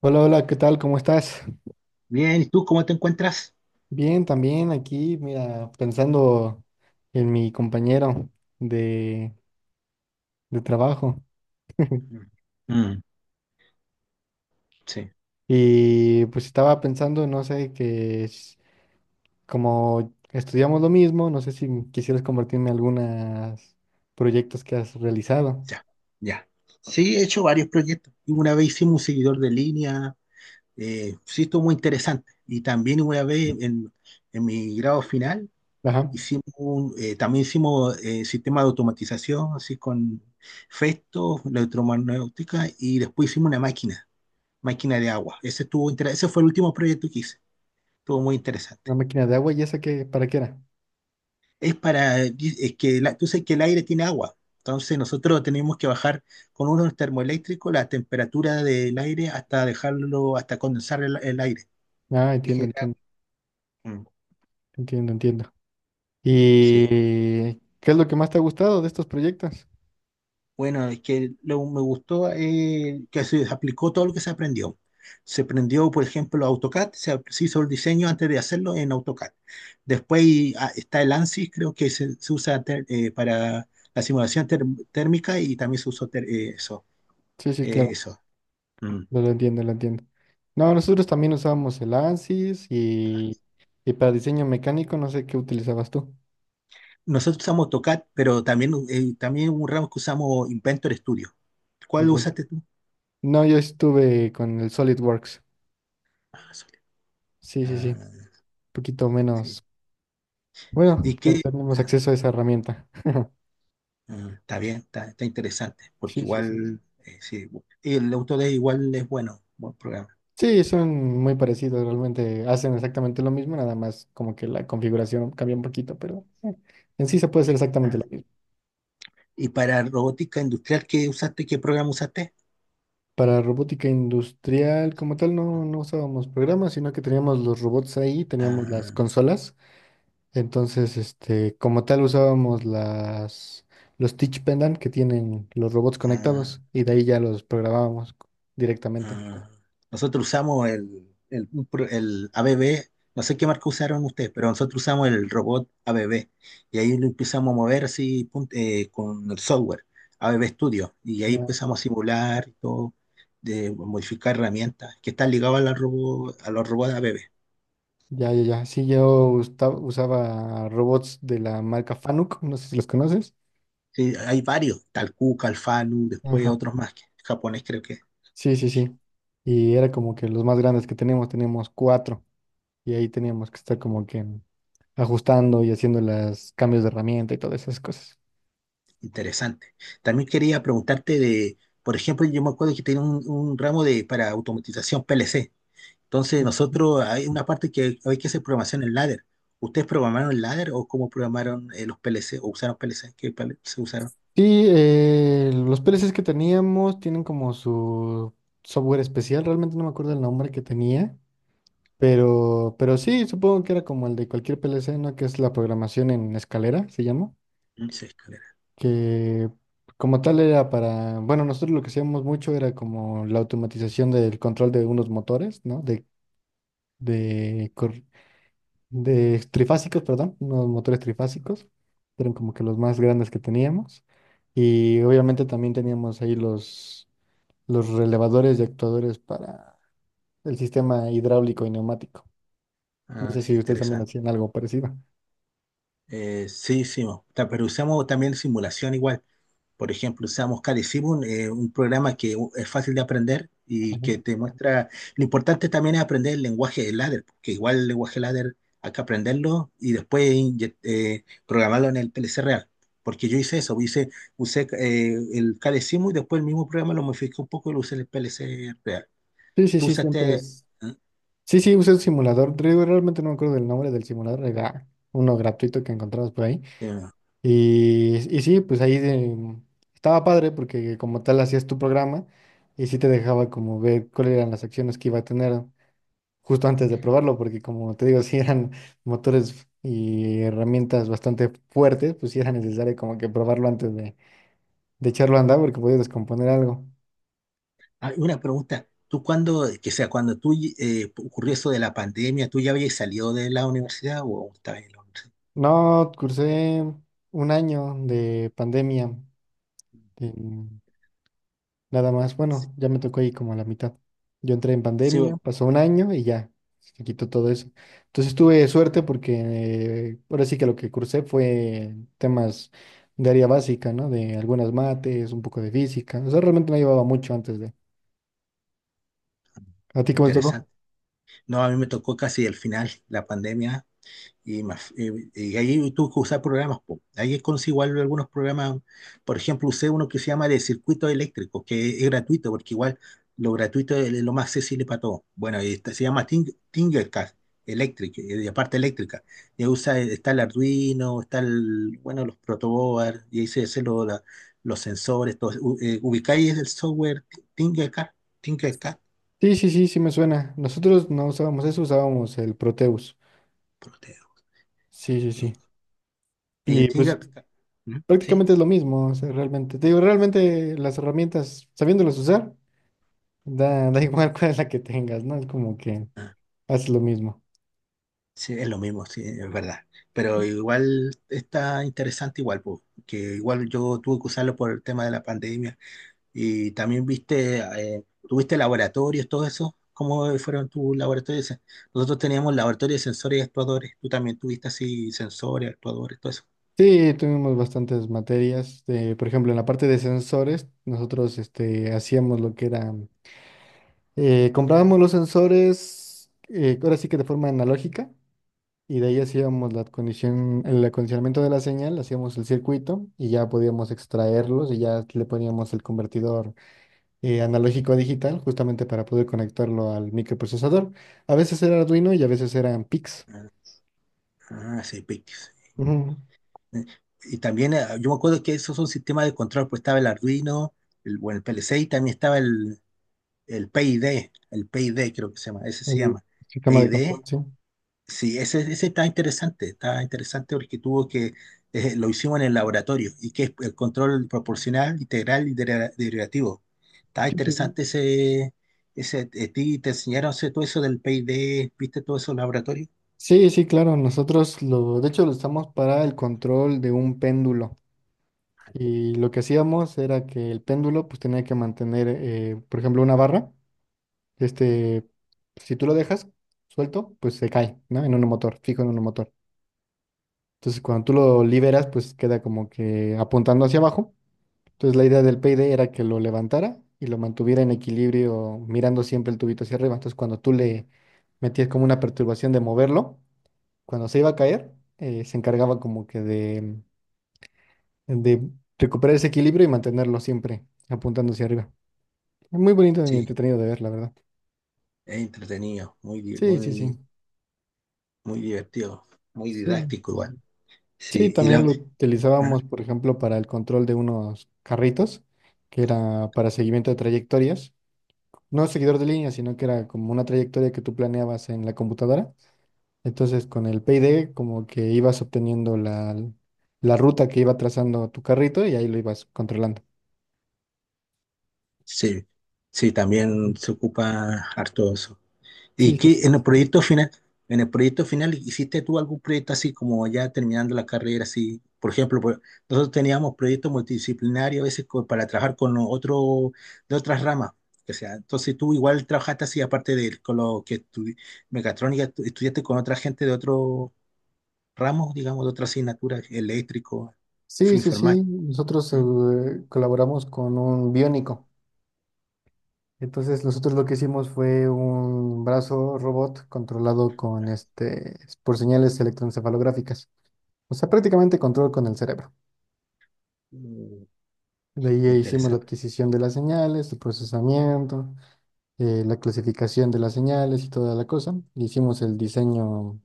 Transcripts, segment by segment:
Hola, hola, ¿qué tal? ¿Cómo estás? Bien, ¿y tú cómo te encuentras? Bien, también aquí, mira, pensando en mi compañero de, de trabajo. Mm. Mm, sí, Y pues estaba pensando, no sé, como estudiamos lo mismo, no sé si quisieras compartirme algunos proyectos que has realizado. ya, ya. Sí, he hecho varios proyectos. Y una vez hicimos un seguidor de línea, sí, estuvo muy interesante. Y también una vez en mi grado final, Ajá, también hicimos sistema de automatización, así con Festo, electromagnética, y después hicimos una máquina, máquina de agua. Ese fue el último proyecto que hice. Estuvo muy interesante. una máquina de agua, ¿y esa qué, para qué era? Es para, tú sabes que el aire tiene agua, entonces nosotros tenemos que bajar con unos termoeléctricos la temperatura del aire hasta dejarlo, hasta condensar el aire. Ah, Y entiendo, genera- entiendo, mm, entiendo, entiendo. Sí. ¿Y qué es lo que más te ha gustado de estos proyectos? Bueno, me gustó que se aplicó todo lo que se aprendió. Se aprendió, por ejemplo, AutoCAD, se hizo el diseño antes de hacerlo en AutoCAD. Después está el ANSYS, creo que para la simulación térmica y también eso. Sí, sí, eh, claro. eso. Mm. No lo entiendo, lo entiendo. No, nosotros también usábamos el ANSYS y para diseño mecánico no sé qué utilizabas tú. Nosotros usamos AutoCAD, pero también, también hubo un ramo que usamos Inventor Studio. ¿Cuál Ve- usaste tú? No, yo estuve con el SolidWorks. Ah, Solid. Sí, sí, sí. Ah, Un poquito sí. menos. Bueno, ¿Y que no qué? tenemos Ah, acceso a esa herramienta. Está bien, está interesante, porque Sí, sí, sí. igual, sí, el Autodesk igual es bueno, buen programa. Sí, son muy parecidos, realmente hacen exactamente lo mismo, nada más como que la configuración cambia un poquito, pero en sí se puede hacer exactamente lo Ah, mismo. ¿Y para robótica industrial qué usaste? ¿Qué programa usaste? Para robótica industrial, como tal, no, no usábamos programas, sino que teníamos los robots ahí, teníamos las Ah, consolas. Entonces, este, como tal, usábamos los teach pendant que tienen los robots ah, conectados y de ahí ya los programábamos directamente. Ah, nosotros usamos el ABB, no sé qué marca usaron ustedes, pero nosotros usamos el robot ABB y ahí lo empezamos a mover con el software ABB Studio y ahí Ya, empezamos a simular y todo, de modificar herramientas que están ligadas a, a los robots ABB. ya, ya, ya. Sí, yo usaba robots de la marca Fanuc, no sé si los conoces. Sí, hay varios, Talcuca, Alfanu, después Ajá. otros más que japonés creo que es Sí, sí, sí. Y era como que los más grandes que teníamos, teníamos cuatro. Y ahí teníamos que estar como que ajustando y haciendo los cambios de herramienta y todas esas cosas. interesante. También quería preguntarte de, por ejemplo, yo me acuerdo que tenía un ramo de para automatización PLC. Entonces, Sí, sí. nosotros hay una parte que hay que hacer programación en ladder. ¿Ustedes programaron el ladder o cómo programaron los PLC o usaron PLC? ¿Qué PLC se usaron? Sí, los PLCs que teníamos tienen como su software especial, realmente no me acuerdo el nombre que tenía, pero, sí, supongo que era como el de cualquier PLC, ¿no? Que es la programación en escalera, se llama, Mm, sí, escalera. que como tal era para, bueno, nosotros lo que hacíamos mucho era como la automatización del control de unos motores, ¿no? De, cor- de trifásicos, perdón, unos motores trifásicos, eran como que los más grandes que teníamos. Y obviamente también teníamos ahí los relevadores y actuadores para el sistema hidráulico y neumático. No Ah, sé sí, si ustedes también interesante. hacían algo parecido. Sí, sí, mo. Pero usamos también simulación igual. Por ejemplo, usamos Kali Simul, un programa es fácil de aprender y Ajá. que te muestra. Lo importante también es aprender el lenguaje de ladder, porque igual el lenguaje ladder hay que aprenderlo y después programarlo en el PLC real. Porque yo hice eso, hice, usé el Kali Simul y después el mismo programa lo modificé un poco y lo usé en el PLC real. Sí, sí, ¿Tú sí, siempre usaste? es. Sí, sí, usé un simulador. Realmente no me acuerdo del nombre del simulador, era uno gratuito que encontramos por ahí. eh, Y sí, pues ahí estaba padre porque como tal hacías tu programa y sí te dejaba como ver cuáles eran las acciones que iba a tener justo antes de probarlo, porque como te digo, si eran motores y herramientas bastante fuertes, pues sí era necesario como que probarlo antes de echarlo a andar porque podías descomponer algo. Ah, una pregunta. ¿Tú cuando, que sea, cuando tú ocurrió eso de la pandemia, ¿tú ya habías salido de la universidad o aún estabas en la universidad? No, cursé un año de pandemia. Nada más, bueno, ya me tocó ahí como a la mitad. Yo entré en Sí, pandemia, bueno, pasó un año y ya, se quitó todo eso. Entonces tuve suerte porque ahora sí que lo que cursé fue temas de área básica, ¿no? De algunas mates, un poco de física. O sea, realmente no llevaba mucho antes de... ¿A ti cómo te tocó? interesante. No, a mí me tocó casi el final, la pandemia. Y ahí tuve que usar programas. Po, ahí es igual algunos programas. Por ejemplo, usé uno que se llama de circuitos eléctricos, que es gratuito, porque igual lo gratuito es lo más accesible para todos. Bueno, y este se llama Tinkercad Electric, de parte eléctrica. Y ahí usa, está el Arduino, está el, bueno, los protoboard, y ahí se hacen los sensores, todo. Ubicáis el software Tinkercad, Tinkercad, Sí, sí, sí, sí me suena. Nosotros no usábamos eso, usábamos el Proteus. Proteo. Sí, sí, sí. eh, el Y pues Tinkercad. ¿Mm? Sí. prácticamente es lo mismo, o sea, realmente. Te digo, realmente las herramientas, sabiéndolas usar. Da igual cuál es la que tengas, ¿no? Es como que Ah. haces lo mismo. Sí, es lo mismo, sí, es verdad. Pero igual está interesante igual, pues, que igual yo tuve que usarlo por el tema de la pandemia. Y también viste, tuviste laboratorios, todo eso. ¿Cómo fueron tus laboratorios? Nosotros teníamos laboratorios de sensores y actuadores. Tú también tuviste así sensores, actuadores, todo eso. Sí, tuvimos bastantes materias. Por ejemplo, en la parte de sensores, nosotros este, hacíamos lo que era, comprábamos los sensores, ahora sí que de forma analógica, y de ahí hacíamos el acondicionamiento de la señal, hacíamos el circuito y ya podíamos extraerlos y ya le poníamos el convertidor analógico a digital, justamente para poder conectarlo al microprocesador. A veces era Arduino y a veces eran PIX. Ah, sí, Pictives. Ujú. Eh, Y también yo me acuerdo que esos son sistemas de control, pues estaba el Arduino, el, bueno, el PLC y también estaba el PID, el PID creo que se llama, ese se El llama. sistema de control, PID. sí. Sí, ese está interesante porque tuvo que, lo hicimos en el laboratorio y que es el control proporcional, integral y derivativo. Está Sí, sí, sí. interesante ese, ese, a ti te enseñaron todo eso del PID, ¿viste todo eso en el laboratorio? Sí, sí, claro, nosotros lo, de hecho lo usamos para el control de un péndulo y lo que hacíamos era que el péndulo pues tenía que mantener, por ejemplo, una barra, este, si tú lo dejas suelto, pues se cae, ¿no? En un motor, fijo en un motor. Entonces cuando tú lo liberas, pues queda como que apuntando hacia abajo. Entonces la idea del payday era que lo levantara y lo mantuviera en equilibrio mirando siempre el tubito hacia arriba. Entonces cuando tú le metías como una perturbación de moverlo, cuando se iba a caer, se encargaba como que de recuperar ese equilibrio y mantenerlo siempre apuntando hacia arriba. Muy bonito y Sí, entretenido de ver, la verdad. es entretenido, Sí, sí, sí. muy, muy divertido, muy Sí. didáctico igual. Sí, sí, Sí, y también la, lo ¿ah? utilizábamos, por ejemplo, para el control de unos carritos, que era para seguimiento de trayectorias. No seguidor de línea, sino que era como una trayectoria que tú planeabas en la computadora. Entonces, con el PID, como que ibas obteniendo la ruta que iba trazando tu carrito y ahí lo ibas controlando. Sí, sí, Ujú. también se ocupa harto eso. ¿Y Sí, sí, qué sí. en el proyecto final, en el proyecto final hiciste tú algún proyecto así como ya terminando la carrera así? Por ejemplo, nosotros teníamos proyectos multidisciplinarios a veces para trabajar con los otros de otras ramas. O sea, entonces tú igual trabajaste así aparte de con lo que mecatrónica, estudiaste con otra gente de otro ramo, digamos, de otra asignatura, eléctrico, Sí, sí, sí. informático. Nosotros ¿Mm? Colaboramos con un biónico. Entonces, nosotros lo que hicimos fue un brazo robot controlado con este, por señales electroencefalográficas. O sea, prácticamente control con el cerebro. Mm, De ahí hicimos la interesante. adquisición de las señales, su procesamiento. La clasificación de las señales y toda la cosa. Hicimos el diseño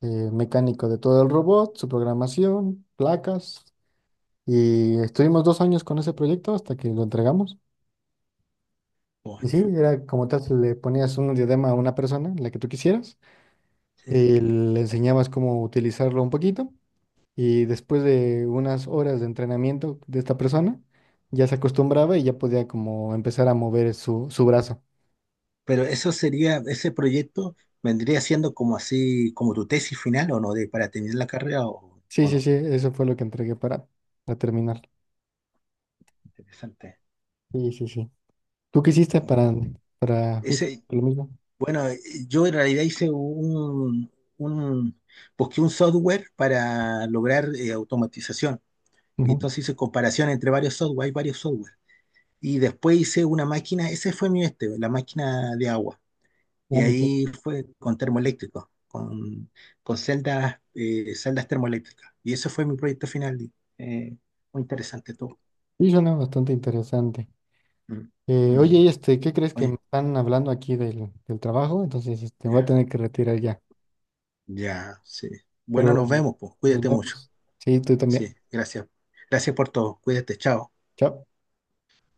mecánico de todo el robot, su programación, placas, y estuvimos 2 años con ese proyecto hasta que lo entregamos. Y Coño. sí, era como tal, le ponías un diadema a una persona, la que tú quisieras, Sí. y le enseñabas cómo utilizarlo un poquito, y después de unas horas de entrenamiento de esta persona, ya se acostumbraba y ya podía como empezar a mover su brazo. Pero eso sería, ese proyecto vendría siendo como así, como tu tesis final o no, de, para terminar la carrera Sí, o sí, no. sí, eso fue lo que entregué para terminar. Interesante. Sí, sí, sí. ¿Tú qué hiciste para justo Ese, lo mismo? bueno, yo en realidad hice un, busqué un software para lograr automatización. Y Ujú. entonces hice comparación entre varios software, hay varios software. Y después hice una máquina, ese fue mi este, la máquina de agua. Ah, Y ok. ahí fue con termoeléctricos, con celdas, celdas termoeléctricas. Y ese fue mi proyecto final. eh, Muy interesante todo. Sí, suena bastante interesante. Mm, Oye, mm. y este, ¿qué crees que Oye, me están hablando aquí del trabajo? Entonces, este, voy a ya, tener que retirar ya. ya, sí. Bueno, Pero nos vemos, pues. nos Cuídate mucho. vemos. Sí, tú Sí, también. gracias. Gracias por todo. Cuídate, chao. Chao.